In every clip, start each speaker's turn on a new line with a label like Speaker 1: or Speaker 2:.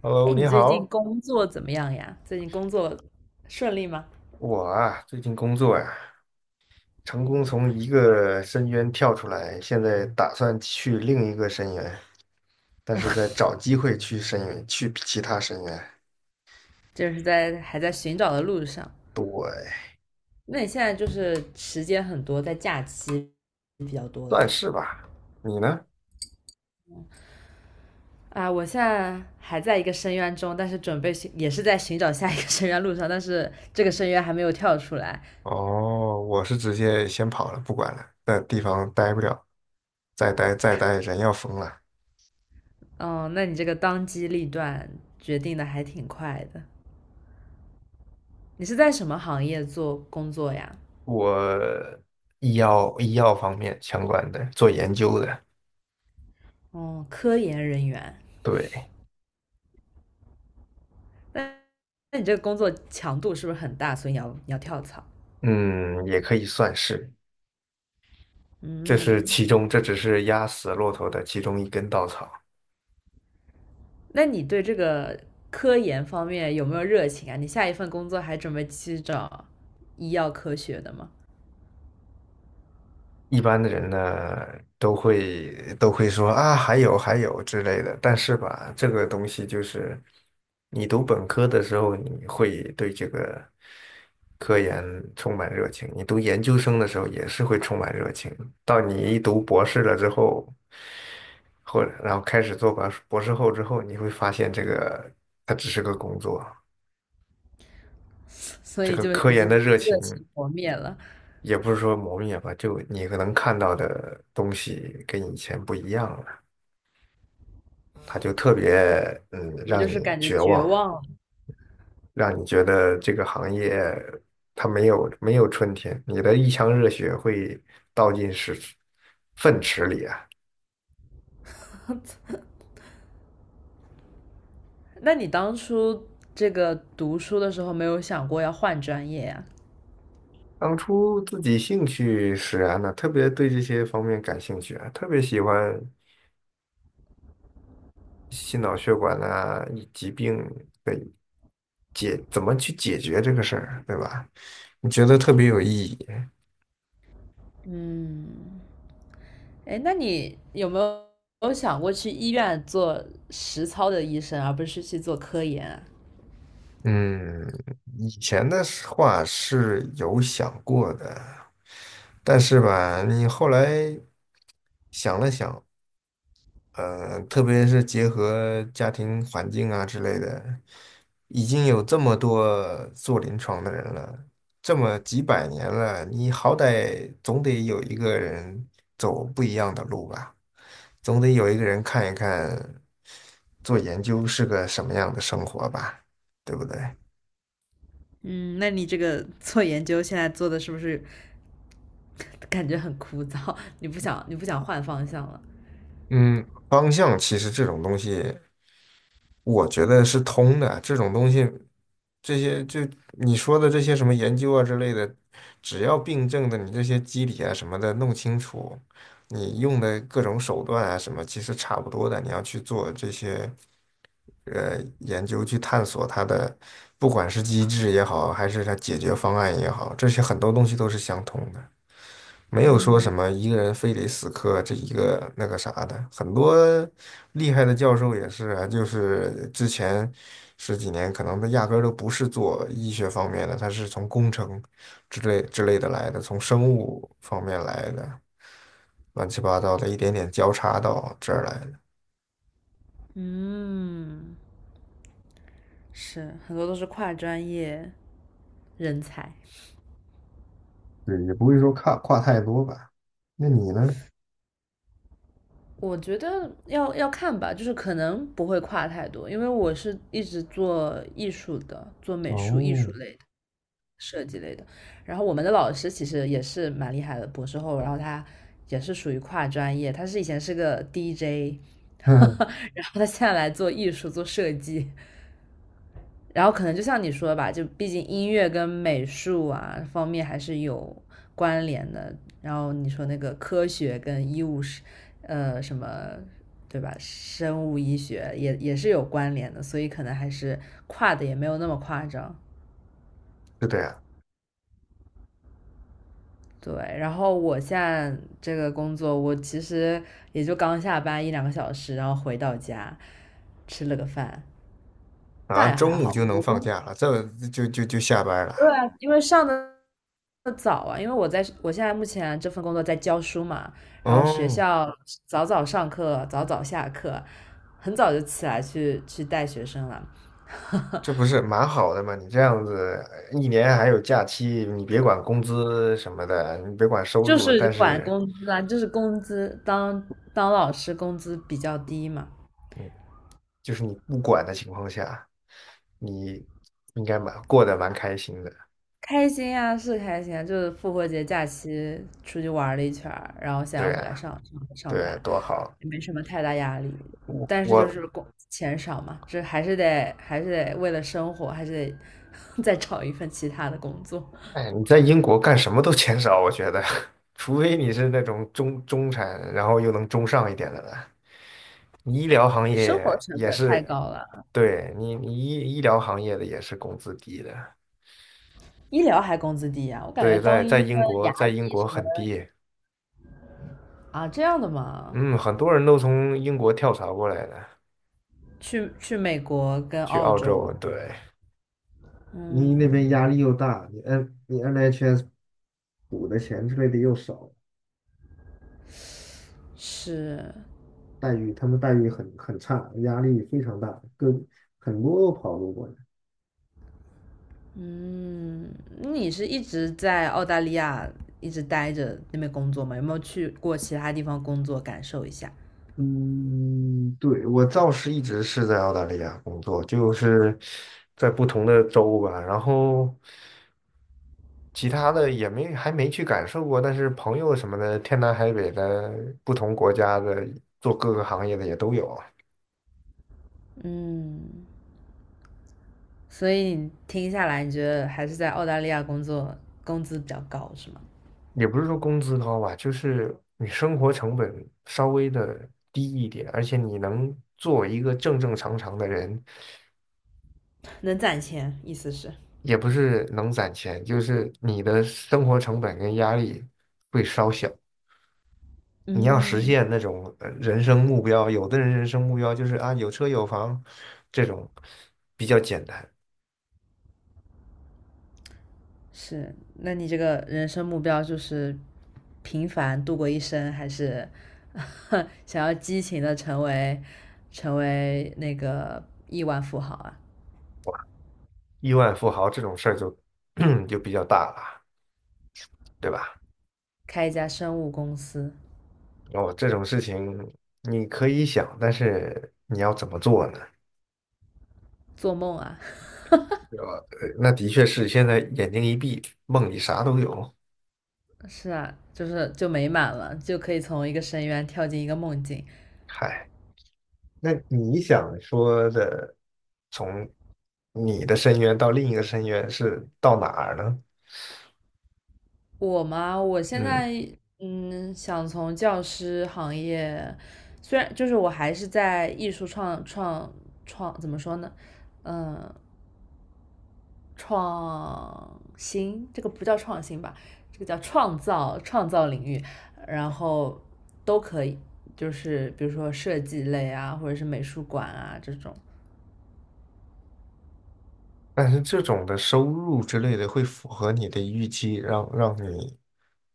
Speaker 1: Hello，
Speaker 2: 哎，你
Speaker 1: 你
Speaker 2: 最近
Speaker 1: 好，
Speaker 2: 工作怎么样呀？最近工作顺利吗？
Speaker 1: 我啊，最近工作呀，成功从一个深渊跳出来，现在打算去另一个深渊，但是在找机会去深渊，去其他深渊，
Speaker 2: 就是还在寻找的路上。那你现在就是时间很多，在假期比较多了
Speaker 1: 算是吧。你呢？
Speaker 2: 啊。我现在还在一个深渊中，但是准备寻也是在寻找下一个 深渊路上，但是这个深渊还没有跳出来。
Speaker 1: 哦，我是直接先跑了，不管了，在地方待不了，再待再待人要疯了。
Speaker 2: 嗯，那你这个当机立断决定的还挺快的。你是在什么行业做工作呀？
Speaker 1: 我医药方面相关的，做研究的，
Speaker 2: 哦，科研人员。
Speaker 1: 对，
Speaker 2: 那那你这个工作强度是不是很大？所以你要跳槽？
Speaker 1: 嗯，也可以算是。
Speaker 2: 嗯，
Speaker 1: 这只是压死骆驼的其中一根稻草。
Speaker 2: 那你对这个科研方面有没有热情啊？你下一份工作还准备去找医药科学的吗？
Speaker 1: 一般的人呢，都会都会说啊，还有之类的。但是吧，这个东西就是你读本科的时候，你会对这个科研充满热情；你读研究生的时候也是会充满热情。到你一读博士了之后，然后开始做博士后之后，你会发现这个它只是个工作。
Speaker 2: 所
Speaker 1: 这
Speaker 2: 以
Speaker 1: 个
Speaker 2: 就
Speaker 1: 科
Speaker 2: 已
Speaker 1: 研
Speaker 2: 经
Speaker 1: 的热情。
Speaker 2: 热情磨灭了，
Speaker 1: 也不是说磨灭吧，就你可能看到的东西跟以前不一样了，它就特别
Speaker 2: 我
Speaker 1: 让
Speaker 2: 就是
Speaker 1: 你
Speaker 2: 感觉
Speaker 1: 绝
Speaker 2: 绝
Speaker 1: 望，
Speaker 2: 望了。
Speaker 1: 让你觉得这个行业它没有春天，你的一腔热血会倒进屎粪池里啊。
Speaker 2: 那你当初这个读书的时候没有想过要换专业呀、
Speaker 1: 当初自己兴趣使然呢，特别对这些方面感兴趣啊，特别喜欢心脑血管啊、以疾病的解，怎么去解决这个事儿，对吧？你觉得特别有意义。
Speaker 2: 嗯，哎，那你有没有想过去医院做实操的医生，而不是去做科研啊？
Speaker 1: 嗯，以前的是话是有想过的，但是吧，你后来想了想，特别是结合家庭环境啊之类的，已经有这么多做临床的人了，这么几百年了，你好歹总得有一个人走不一样的路吧，总得有一个人看一看做研究是个什么样的生活吧，对不对？
Speaker 2: 嗯，那你这个做研究现在做的是不是感觉很枯燥？你不想换方向了？
Speaker 1: 嗯，方向其实这种东西，我觉得是通的。这种东西，这些就你说的这些什么研究啊之类的，只要病症的你这些机理啊什么的弄清楚，你用的各种手段啊什么，其实差不多的。你要去做这些研究，去探索它的，不管是机制也好，还是它解决方案也好，这些很多东西都是相通的。没有说什么一个人非得死磕这一个那个啥的，很多厉害的教授也是啊，就是之前十几年可能他压根儿都不是做医学方面的，他是从工程之类的来的，从生物方面来的，乱七八糟的一点点交叉到这儿来的，
Speaker 2: 嗯，是，很多都是跨专业人才。
Speaker 1: 对，也不会说跨太多吧。那你呢？
Speaker 2: 我觉得要看吧，就是可能不会跨太多，因为我是一直做艺术的，做美术、艺
Speaker 1: 哦，
Speaker 2: 术类的、设计类的。然后我们的老师其实也是蛮厉害的，博士后，然后他也是属于跨专业，他以前是个 DJ,然后他现在来做艺术、做设计。然后可能就像你说吧，就毕竟音乐跟美术啊方面还是有关联的。然后你说那个科学跟医务是，什么对吧？生物医学也是有关联的，所以可能还是跨的也没有那么夸张。
Speaker 1: 是这样
Speaker 2: 对，然后我现在这个工作，我其实也就刚下班一两个小时，然后回到家吃了个饭，
Speaker 1: 啊，
Speaker 2: 但也还
Speaker 1: 中午
Speaker 2: 好。
Speaker 1: 就能放假了，这就下班了。
Speaker 2: 对啊，因为上的早啊，因为我现在目前这份工作在教书嘛，然后学
Speaker 1: 哦，
Speaker 2: 校早早上课，早早下课，很早就起来去带学生了，
Speaker 1: 这不是蛮好的吗？你这样子一年还有假期，你别管工资什么的，你别管收
Speaker 2: 就
Speaker 1: 入，
Speaker 2: 是
Speaker 1: 但
Speaker 2: 管
Speaker 1: 是，
Speaker 2: 工资啊，就是工资当老师工资比较低嘛，
Speaker 1: 嗯就是你不管的情况下，你应该蛮过得蛮开心的。
Speaker 2: 开心呀，是开心啊，就是复活节假期出去玩了一圈儿，然后现在
Speaker 1: 对
Speaker 2: 回来
Speaker 1: 啊，
Speaker 2: 上上上
Speaker 1: 对啊，
Speaker 2: 班，
Speaker 1: 多好！
Speaker 2: 也没什么太大压力。
Speaker 1: 我
Speaker 2: 但是就
Speaker 1: 我，
Speaker 2: 是工钱少嘛，这还是得为了生活，还是得 再找一份其他的工作。
Speaker 1: 哎，你在英国干什么都钱少，我觉得，除非你是那种中产，然后又能中上一点的了。你医疗行
Speaker 2: 生活
Speaker 1: 业
Speaker 2: 成
Speaker 1: 也
Speaker 2: 本太
Speaker 1: 是，
Speaker 2: 高了，
Speaker 1: 对你，你医疗行业的也是工资低的。
Speaker 2: 医疗还工资低呀、我感觉
Speaker 1: 对，在
Speaker 2: 当
Speaker 1: 在
Speaker 2: 医生、
Speaker 1: 英国，
Speaker 2: 牙
Speaker 1: 在英
Speaker 2: 医
Speaker 1: 国
Speaker 2: 什么的
Speaker 1: 很低，
Speaker 2: 啊，这样的嘛，
Speaker 1: 嗯，很多人都从英国跳槽过来的，
Speaker 2: 去美国跟
Speaker 1: 去
Speaker 2: 澳
Speaker 1: 澳洲，
Speaker 2: 洲，
Speaker 1: 对。你那
Speaker 2: 嗯，
Speaker 1: 边压力又大，你 NHS 补的钱之类的又少，
Speaker 2: 是。
Speaker 1: 待遇他们待遇很差，压力非常大，跟很多跑路过来。
Speaker 2: 嗯，你是一直在澳大利亚一直待着那边工作吗？有没有去过其他地方工作感受一下？
Speaker 1: 嗯，对，我倒是一直是在澳大利亚工作，就是在不同的州吧。然后其他的也没还没去感受过，但是朋友什么的，天南海北的，不同国家的，做各个行业的也都有啊，
Speaker 2: 嗯，所以你听下来，你觉得还是在澳大利亚工作工资比较高是吗？
Speaker 1: 也不是说工资高吧，就是你生活成本稍微的低一点，而且你能做一个正正常常的人，
Speaker 2: 能攒钱，意思是？
Speaker 1: 也不是能攒钱，就是你的生活成本跟压力会稍小。你要实
Speaker 2: 嗯，
Speaker 1: 现那种人生目标，有的人生目标就是啊有车有房，这种比较简单。
Speaker 2: 是。那你这个人生目标就是平凡度过一生，还是 想要激情的成为那个亿万富豪啊？
Speaker 1: 亿万富豪这种事儿就 就比较大了，对吧？
Speaker 2: 开一家生物公司。
Speaker 1: 哦，这种事情你可以想，但是你要怎么做呢？
Speaker 2: 做梦啊，
Speaker 1: 对吧？那的确是现在眼睛一闭，梦里啥都有。
Speaker 2: 是啊，就美满了，就可以从一个深渊跳进一个梦境。
Speaker 1: 嗨，那你想说的，从你的深渊到另一个深渊是到哪儿呢？
Speaker 2: 我嘛，我现
Speaker 1: 嗯，
Speaker 2: 在想从教师行业，虽然就是我还是在艺术创创创，怎么说呢？嗯，创新这个不叫创新吧，这个叫创造领域，然后都可以，就是比如说设计类啊，或者是美术馆啊这种。
Speaker 1: 但是这种的收入之类的会符合你的预期，让你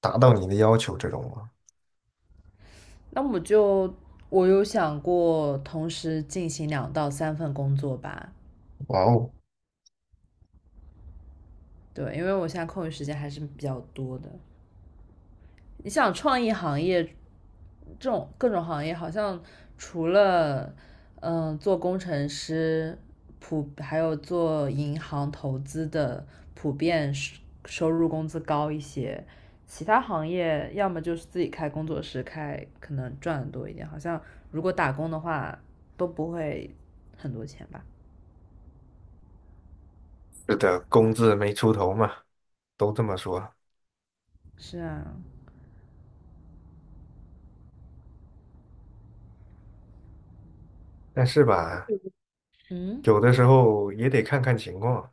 Speaker 1: 达到你的要求这种吗？
Speaker 2: 那我就我有想过同时进行两到三份工作吧，
Speaker 1: 哇哦，
Speaker 2: 对，因为我现在空余时间还是比较多的。你想创意行业这种各种行业好像除了做工程师,还有做银行投资的普遍收入工资高一些，其他行业要么就是自己开工作室，可能赚的多一点。好像如果打工的话都不会很多钱吧？
Speaker 1: 是的，工字没出头嘛，都这么说。
Speaker 2: 是啊，
Speaker 1: 但是吧，
Speaker 2: 嗯，
Speaker 1: 有的时候也得看看情况。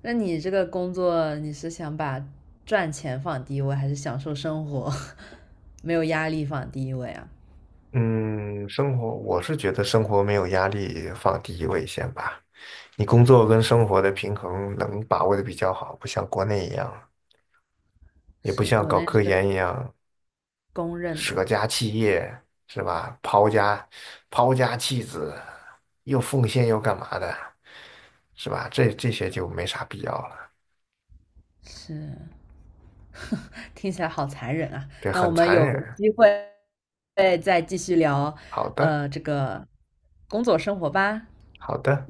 Speaker 2: 那你这个工作你是想把赚钱放第一位，还是享受生活 没有压力放第一位啊？
Speaker 1: 嗯，生活，我是觉得生活没有压力放第一位先吧。你工作跟生活的平衡能把握的比较好，不像国内一样，也不
Speaker 2: 是，
Speaker 1: 像
Speaker 2: 国
Speaker 1: 搞
Speaker 2: 内
Speaker 1: 科
Speaker 2: 是
Speaker 1: 研一样
Speaker 2: 公认的，
Speaker 1: 舍家弃业，是吧？抛家弃子，又奉献又干嘛的，是吧？这些就没啥必要了，
Speaker 2: 是，听起来好残忍啊。
Speaker 1: 对，
Speaker 2: 那我
Speaker 1: 很
Speaker 2: 们
Speaker 1: 残
Speaker 2: 有
Speaker 1: 忍。
Speaker 2: 机会再继续聊，
Speaker 1: 好的，
Speaker 2: 这个工作生活吧。
Speaker 1: 好的。